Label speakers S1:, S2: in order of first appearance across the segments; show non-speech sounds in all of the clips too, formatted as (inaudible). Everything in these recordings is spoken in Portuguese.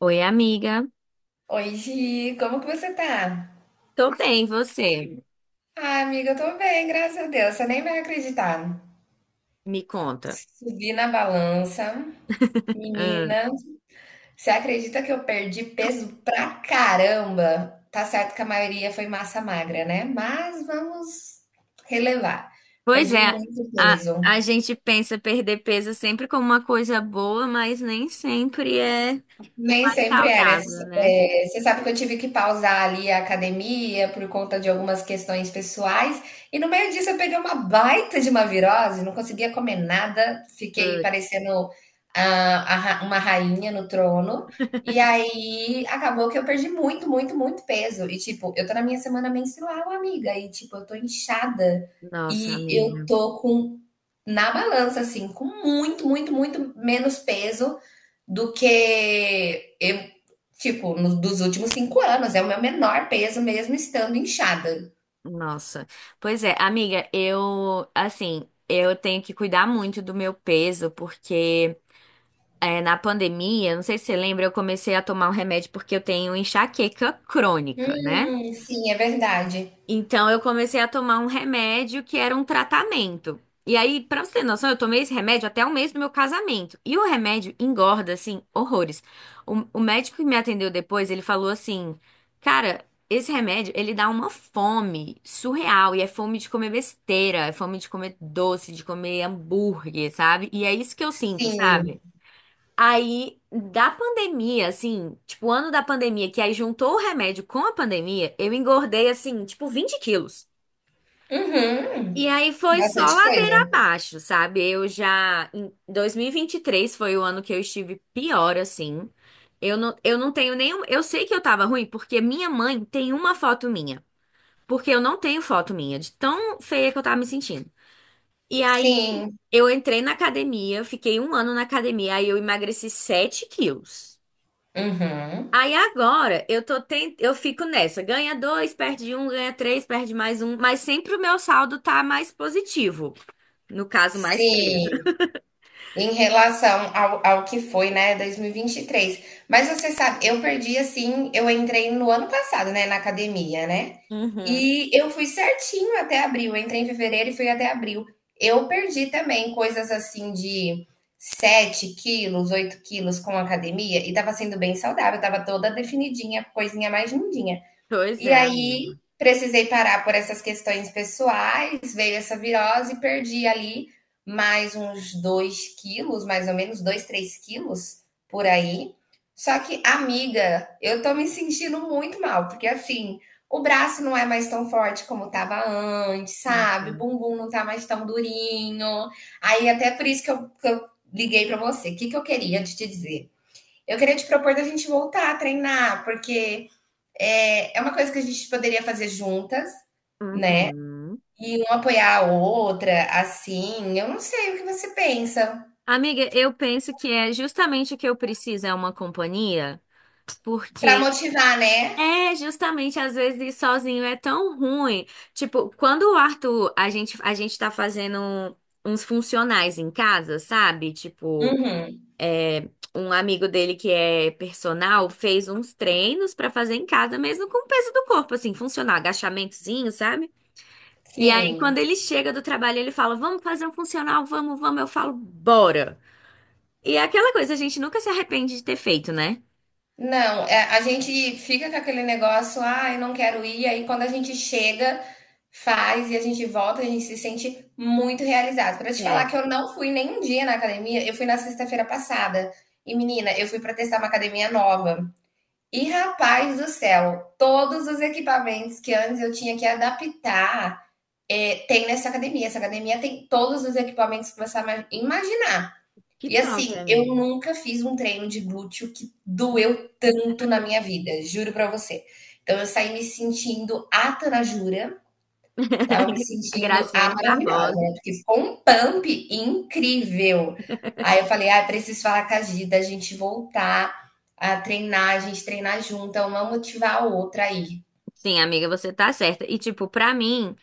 S1: Oi, amiga.
S2: Oi, Gi, como que você tá?
S1: Tô bem, e você?
S2: Ah, amiga, eu tô bem, graças a Deus. Você nem vai acreditar.
S1: Me conta.
S2: Subi na balança,
S1: Hum.
S2: menina. Você acredita que eu perdi peso pra caramba? Tá certo que a maioria foi massa magra, né? Mas vamos relevar.
S1: Pois
S2: Perdi
S1: é,
S2: muito
S1: a,
S2: peso.
S1: a gente pensa perder peso sempre como uma coisa boa, mas nem sempre é o
S2: Nem
S1: mais
S2: sempre era. Você
S1: saudável, né?
S2: é, você sabe que eu tive que pausar ali a academia por conta de algumas questões pessoais. E no meio disso eu peguei uma baita de uma virose, não conseguia comer nada, fiquei
S1: Putz,
S2: parecendo uma rainha no trono. E aí acabou que eu perdi muito, muito, muito peso. E tipo, eu tô na minha semana menstrual, amiga. E tipo, eu tô inchada.
S1: nossa,
S2: E eu
S1: amiga.
S2: tô com, na balança, assim, com muito, muito, muito menos peso do que eu, tipo, nos dos últimos 5 anos. É o meu menor peso mesmo estando inchada.
S1: Nossa. Pois é, amiga, eu, assim, eu tenho que cuidar muito do meu peso, porque na pandemia, não sei se você lembra, eu comecei a tomar um remédio porque eu tenho enxaqueca crônica, né?
S2: Sim, é verdade.
S1: Então eu comecei a tomar um remédio que era um tratamento. E aí, pra você ter noção, eu tomei esse remédio até o mês do meu casamento. E o remédio engorda, assim, horrores. O médico que me atendeu depois, ele falou assim: Cara, esse remédio, ele dá uma fome surreal. E é fome de comer besteira, é fome de comer doce, de comer hambúrguer, sabe? E é isso que eu sinto,
S2: Sim.
S1: sabe? Aí, da pandemia, assim, tipo, o ano da pandemia, que aí juntou o remédio com a pandemia, eu engordei, assim, tipo, 20 quilos.
S2: Uhum.
S1: E aí foi só
S2: Bastante
S1: ladeira
S2: coisa.
S1: abaixo, sabe? Eu já. Em dois mil e vinte e três foi o ano que eu estive pior, assim. Eu não tenho nenhum. Eu sei que eu tava ruim porque minha mãe tem uma foto minha. Porque eu não tenho foto minha, de tão feia que eu tava me sentindo. E aí
S2: Sim.
S1: eu entrei na academia, fiquei um ano na academia, aí eu emagreci 7 quilos.
S2: Uhum.
S1: Aí agora eu tô eu fico nessa, ganha dois, perde um, ganha três, perde mais um, mas sempre o meu saldo tá mais positivo. No caso, mais peso.
S2: Sim. Em relação ao que foi, né, dois mil e vinte e três. Mas você sabe, eu perdi assim, eu entrei no ano passado, né, na academia, né?
S1: Uhum.
S2: E eu fui certinho até abril. Eu entrei em fevereiro e fui até abril. Eu perdi também coisas assim de 7 quilos, 8 quilos com academia e tava sendo bem saudável, tava toda definidinha, coisinha mais lindinha.
S1: Pois
S2: E
S1: é,
S2: aí
S1: amiga.
S2: precisei parar por essas questões pessoais, veio essa virose e perdi ali mais uns 2 quilos, mais ou menos 2, 3 quilos por aí. Só que, amiga, eu tô me sentindo muito mal, porque assim, o braço não é mais tão forte como tava antes, sabe? O
S1: Uhum.
S2: bumbum não tá mais tão durinho. Aí, até por isso que que eu liguei pra você. O que, que eu queria te dizer? Eu queria te propor da gente voltar a treinar, porque é uma coisa que a gente poderia fazer juntas
S1: Uhum.
S2: e um apoiar a outra, assim. Eu não sei o que você pensa.
S1: Amiga, eu penso que é justamente o que eu preciso é uma companhia,
S2: Pra
S1: porque
S2: motivar, né?
S1: é justamente às vezes ir sozinho é tão ruim. Tipo, quando o Arthur, a gente tá fazendo uns funcionais em casa, sabe? Tipo,
S2: Uhum.
S1: é, um amigo dele que é personal fez uns treinos pra fazer em casa mesmo com o peso do corpo, assim, funcional, agachamentozinho, sabe? E aí, quando
S2: Sim.
S1: ele chega do trabalho, ele fala: Vamos fazer um funcional, vamos, vamos. Eu falo: Bora. E é aquela coisa, a gente nunca se arrepende de ter feito, né?
S2: Não, é, a gente fica com aquele negócio, ah, eu não quero ir. Aí quando a gente chega, faz e a gente volta, a gente se sente muito realizado. Pra te falar
S1: É.
S2: que eu não fui nem um dia na academia, eu fui na sexta-feira passada. E menina, eu fui pra testar uma academia nova. E rapaz do céu, todos os equipamentos que antes eu tinha que adaptar, tem nessa academia. Essa academia tem todos os equipamentos que você imaginar.
S1: Que
S2: E
S1: top,
S2: assim, eu
S1: amigo.
S2: nunca fiz um treino de glúteo que doeu tanto na minha vida, juro pra você. Então eu saí me sentindo a Tanajura, tava me
S1: A
S2: sentindo
S1: Graciane
S2: maravilhosa,
S1: Barbosa.
S2: né, porque ficou um pump incrível. Aí eu falei: "Ah, preciso falar com a Gi da gente voltar a treinar, a gente treinar junta, uma motivar a outra aí".
S1: Sim, amiga, você tá certa. E, tipo, pra mim.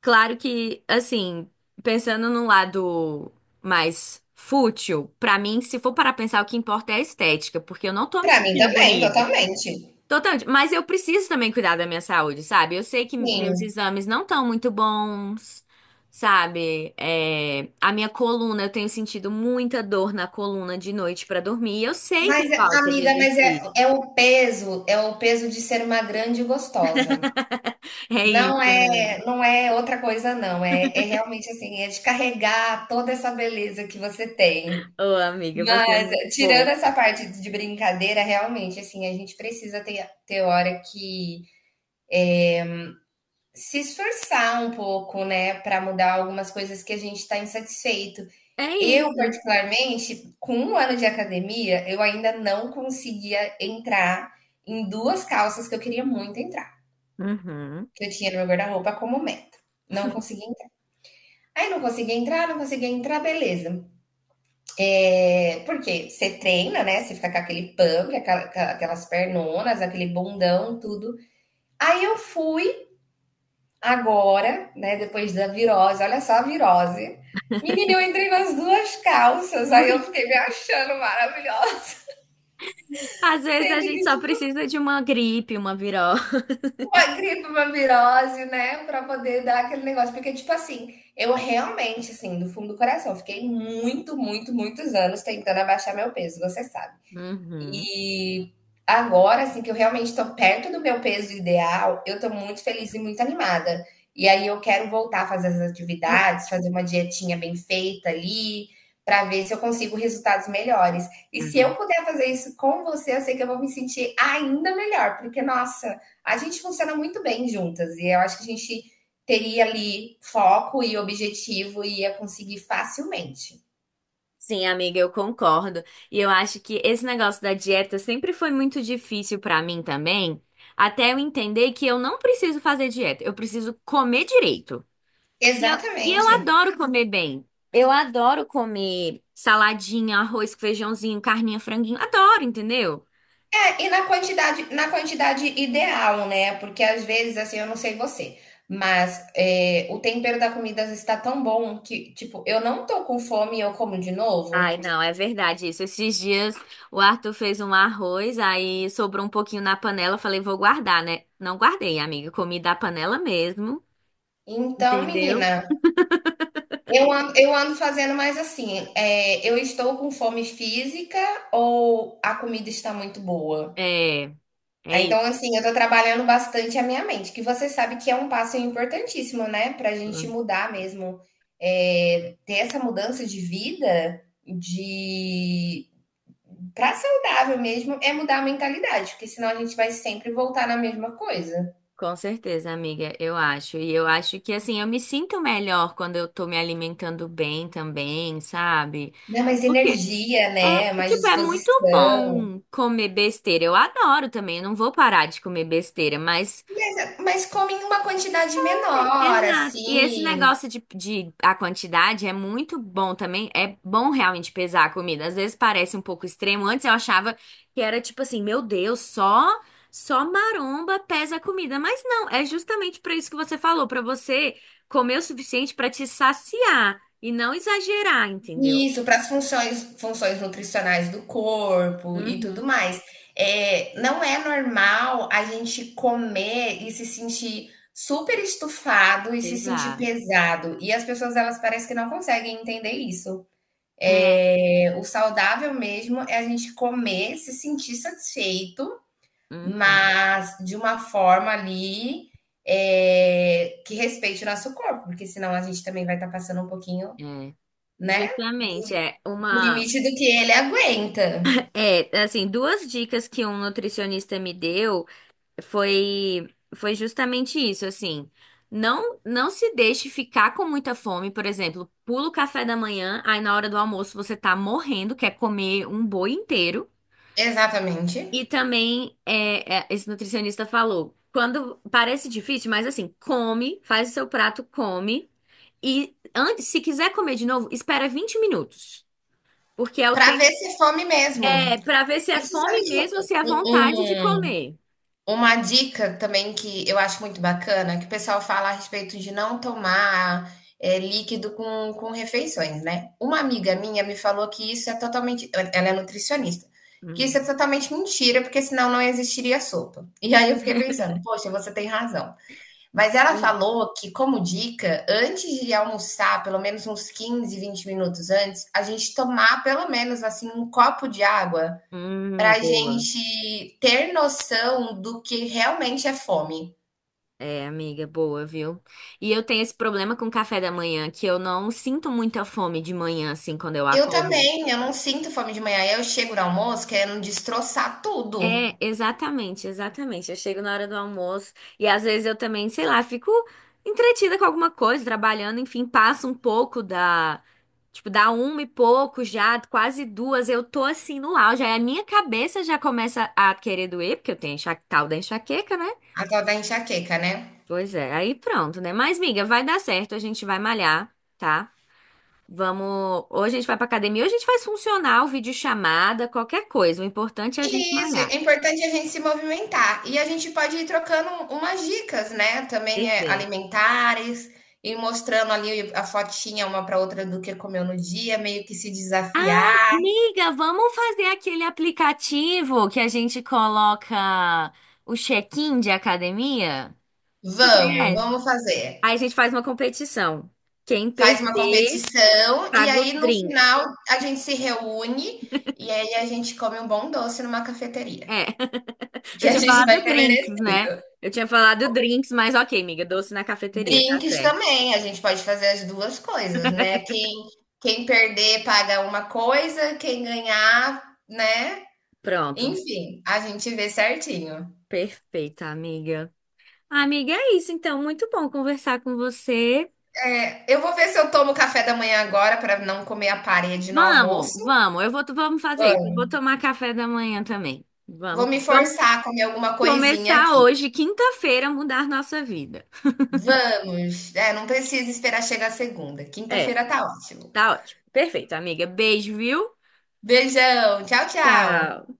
S1: Claro que, assim, pensando num lado mais fútil, pra mim, se for para pensar, o que importa é a estética, porque eu não tô me
S2: Pra mim
S1: sentindo
S2: também,
S1: bonita.
S2: totalmente.
S1: Totalmente. Mas eu preciso também cuidar da minha saúde, sabe? Eu sei que meus
S2: Sim,
S1: exames não estão muito bons, sabe? É, a minha coluna, eu tenho sentido muita dor na coluna de noite pra dormir, e eu sei que
S2: mas
S1: é
S2: é
S1: falta de
S2: amiga, mas é
S1: exercício.
S2: é o peso é o peso de ser uma grande gostosa.
S1: É isso,
S2: Não é
S1: amiga.
S2: não é outra coisa não, é realmente, assim, é de carregar toda essa beleza que você tem.
S1: Ô, amiga, você é
S2: Mas,
S1: muito
S2: tirando essa
S1: fofa.
S2: parte de brincadeira, realmente, assim, a gente precisa ter hora que se esforçar um pouco, né, para mudar algumas coisas que a gente está insatisfeito.
S1: É
S2: Eu,
S1: isso.
S2: particularmente, com um ano de academia, eu ainda não conseguia entrar em duas calças que eu queria muito entrar,
S1: Uhum.
S2: que eu tinha no meu guarda-roupa como meta. Não conseguia entrar. Aí não conseguia entrar, não conseguia entrar, beleza. É, porque você treina, né? Você fica com aquele pump, aquelas pernonas, aquele bundão, tudo. Aí eu fui agora, né? Depois da virose, olha só a virose. Menina, eu entrei nas duas calças, aí eu fiquei me achando maravilhosa.
S1: Às
S2: (laughs)
S1: vezes a
S2: Sendo que
S1: gente só
S2: isso
S1: precisa de uma gripe, uma viró.
S2: uma gripe, uma virose, né? Pra poder dar aquele negócio. Porque, tipo assim, eu realmente, assim, do fundo do coração, fiquei muito, muito, muitos anos tentando abaixar meu peso, você sabe.
S1: Uhum.
S2: E agora, assim, que eu realmente estou perto do meu peso ideal, eu estou muito feliz e muito animada. E aí eu quero voltar a fazer as atividades, fazer uma dietinha bem feita ali, para ver se eu consigo resultados melhores. E se eu
S1: Uhum.
S2: puder fazer isso com você, eu sei que eu vou me sentir ainda melhor, porque, nossa, a gente funciona muito bem juntas. E eu acho que a gente teria ali foco e objetivo e ia conseguir facilmente.
S1: Sim, amiga, eu concordo. E eu acho que esse negócio da dieta sempre foi muito difícil pra mim também, até eu entender que eu não preciso fazer dieta, eu preciso comer direito. E eu, e eu
S2: Exatamente.
S1: adoro comer bem. Eu adoro comer saladinha, arroz, com feijãozinho, carninha, franguinho. Adoro, entendeu?
S2: E na quantidade ideal, né? Porque às vezes, assim, eu não sei você, mas é, o tempero da comida às vezes tá tão bom que, tipo, eu não tô com fome e eu como de novo.
S1: Ai, não, é verdade isso. Esses dias o Arthur fez um arroz, aí sobrou um pouquinho na panela. Eu falei, vou guardar, né? Não guardei, amiga. Comi da panela mesmo,
S2: Então,
S1: entendeu?
S2: menina, eu ando fazendo mais assim, é, eu estou com fome física ou a comida está muito boa?
S1: É, é
S2: É, então,
S1: isso.
S2: assim, eu tô trabalhando bastante a minha mente, que você sabe que é um passo importantíssimo, né? Pra gente mudar mesmo, é, ter essa mudança de vida, de pra saudável mesmo, é mudar a mentalidade, porque senão a gente vai sempre voltar na mesma coisa.
S1: Com certeza, amiga, eu acho. E eu acho que, assim, eu me sinto melhor quando eu tô me alimentando bem também, sabe?
S2: Dá mais
S1: Porque
S2: energia, né? Mais
S1: tipo, é muito
S2: disposição.
S1: bom comer besteira. Eu adoro também, eu não vou parar de comer besteira, mas.
S2: Mas come em uma quantidade menor,
S1: Exato. E esse
S2: assim.
S1: negócio de a quantidade é muito bom também. É bom realmente pesar a comida. Às vezes parece um pouco extremo. Antes eu achava que era tipo assim, meu Deus, só maromba pesa a comida. Mas não, é justamente para isso que você falou, para você comer o suficiente para te saciar e não exagerar, entendeu?
S2: Isso, para as funções nutricionais do corpo e tudo
S1: Uhum.
S2: mais. É, não é normal a gente comer e se sentir super estufado e se sentir
S1: Exato.
S2: pesado. E as pessoas, elas parecem que não conseguem entender isso.
S1: É.
S2: É, o saudável mesmo é a gente comer, se sentir satisfeito,
S1: Uhum.
S2: mas de uma forma ali, é, que respeite o nosso corpo, porque senão a gente também vai estar passando um pouquinho,
S1: É.
S2: né,
S1: Justamente, é
S2: no
S1: uma.
S2: limite do que ele aguenta.
S1: É, assim, duas dicas que um nutricionista me deu. foi foi justamente isso, assim. Não se deixe ficar com muita fome, por exemplo, pula o café da manhã, aí na hora do almoço você tá morrendo, quer comer um boi inteiro.
S2: Exatamente.
S1: E também esse nutricionista falou, quando parece difícil, mas assim, come, faz o seu prato, come e antes, se quiser comer de novo, espera 20 minutos, porque é o
S2: Pra ver
S1: tempo
S2: se é fome mesmo.
S1: é para ver se é
S2: E você sabe
S1: fome
S2: que
S1: mesmo ou se é
S2: um-
S1: vontade de
S2: um,
S1: comer.
S2: uma dica também que eu acho muito bacana, que o pessoal fala a respeito de não tomar é, líquido com refeições, né? Uma amiga minha me falou que isso é totalmente. Ela é nutricionista. Que isso é
S1: Uhum.
S2: totalmente mentira, porque senão não existiria sopa. E aí eu fiquei pensando, poxa, você tem razão. Mas ela falou que, como dica, antes de almoçar, pelo menos uns 15, 20 minutos antes, a gente tomar pelo menos assim um copo de água para a
S1: Boa.
S2: gente ter noção do que realmente é fome.
S1: É, amiga, boa, viu? E eu tenho esse problema com o café da manhã, que eu não sinto muita fome de manhã, assim, quando eu
S2: Eu
S1: acordo.
S2: também, eu não sinto fome de manhã. Eu chego no almoço querendo destroçar tudo.
S1: É, exatamente, exatamente. Eu chego na hora do almoço e às vezes eu também, sei lá, fico entretida com alguma coisa, trabalhando, enfim, passa um pouco da. Tipo, dá uma e pouco já, quase duas, eu tô assim no auge. Aí a minha cabeça já começa a querer doer, porque eu tenho tal da enxaqueca, né?
S2: A tal da enxaqueca, né?
S1: Pois é, aí pronto, né? Mas, miga, vai dar certo, a gente vai malhar, tá? Vamos. Ou a gente vai pra academia, ou a gente faz funcional, videochamada, qualquer coisa. O importante é a gente
S2: Isso, é
S1: malhar.
S2: importante a gente se movimentar. E a gente pode ir trocando umas dicas, né? Também é
S1: Perfeito.
S2: alimentares, e mostrando ali a fotinha uma para outra do que comeu no dia, meio que se
S1: Ah,
S2: desafiar.
S1: amiga, vamos fazer aquele aplicativo que a gente coloca o check-in de academia? Tu
S2: Vamos,
S1: conhece?
S2: vamos fazer.
S1: Aí a gente faz uma competição. Quem
S2: Faz uma
S1: perder,
S2: competição e
S1: paga
S2: aí
S1: os
S2: no
S1: drinks.
S2: final a gente se reúne e aí a gente come um bom doce numa
S1: É,
S2: cafeteria,
S1: (laughs) eu
S2: que a
S1: tinha
S2: gente
S1: falado
S2: vai ter
S1: drinks, né?
S2: merecido.
S1: Eu tinha falado drinks, mas ok, amiga, doce na cafeteria, tá
S2: Drinks
S1: certo.
S2: também, a gente pode fazer as 2 coisas, né. Quem perder paga uma coisa, quem ganhar, né,
S1: Pronto.
S2: enfim, a gente vê certinho.
S1: Perfeita, amiga. Amiga, é isso então. Muito bom conversar com você.
S2: É, eu vou ver se eu tomo café da manhã agora para não comer a parede no
S1: Vamos,
S2: almoço.
S1: vamos. Eu vou, vamos fazer isso. Eu
S2: Vamos,
S1: vou tomar café da manhã também. Vamos,
S2: vou me
S1: vamos
S2: forçar a comer alguma coisinha
S1: começar
S2: aqui.
S1: hoje, quinta-feira, mudar nossa vida.
S2: Vamos, é, não precisa esperar chegar segunda,
S1: É,
S2: quinta-feira tá ótimo.
S1: tá ótimo. Perfeito, amiga. Beijo, viu?
S2: Beijão, tchau, tchau.
S1: Tchau.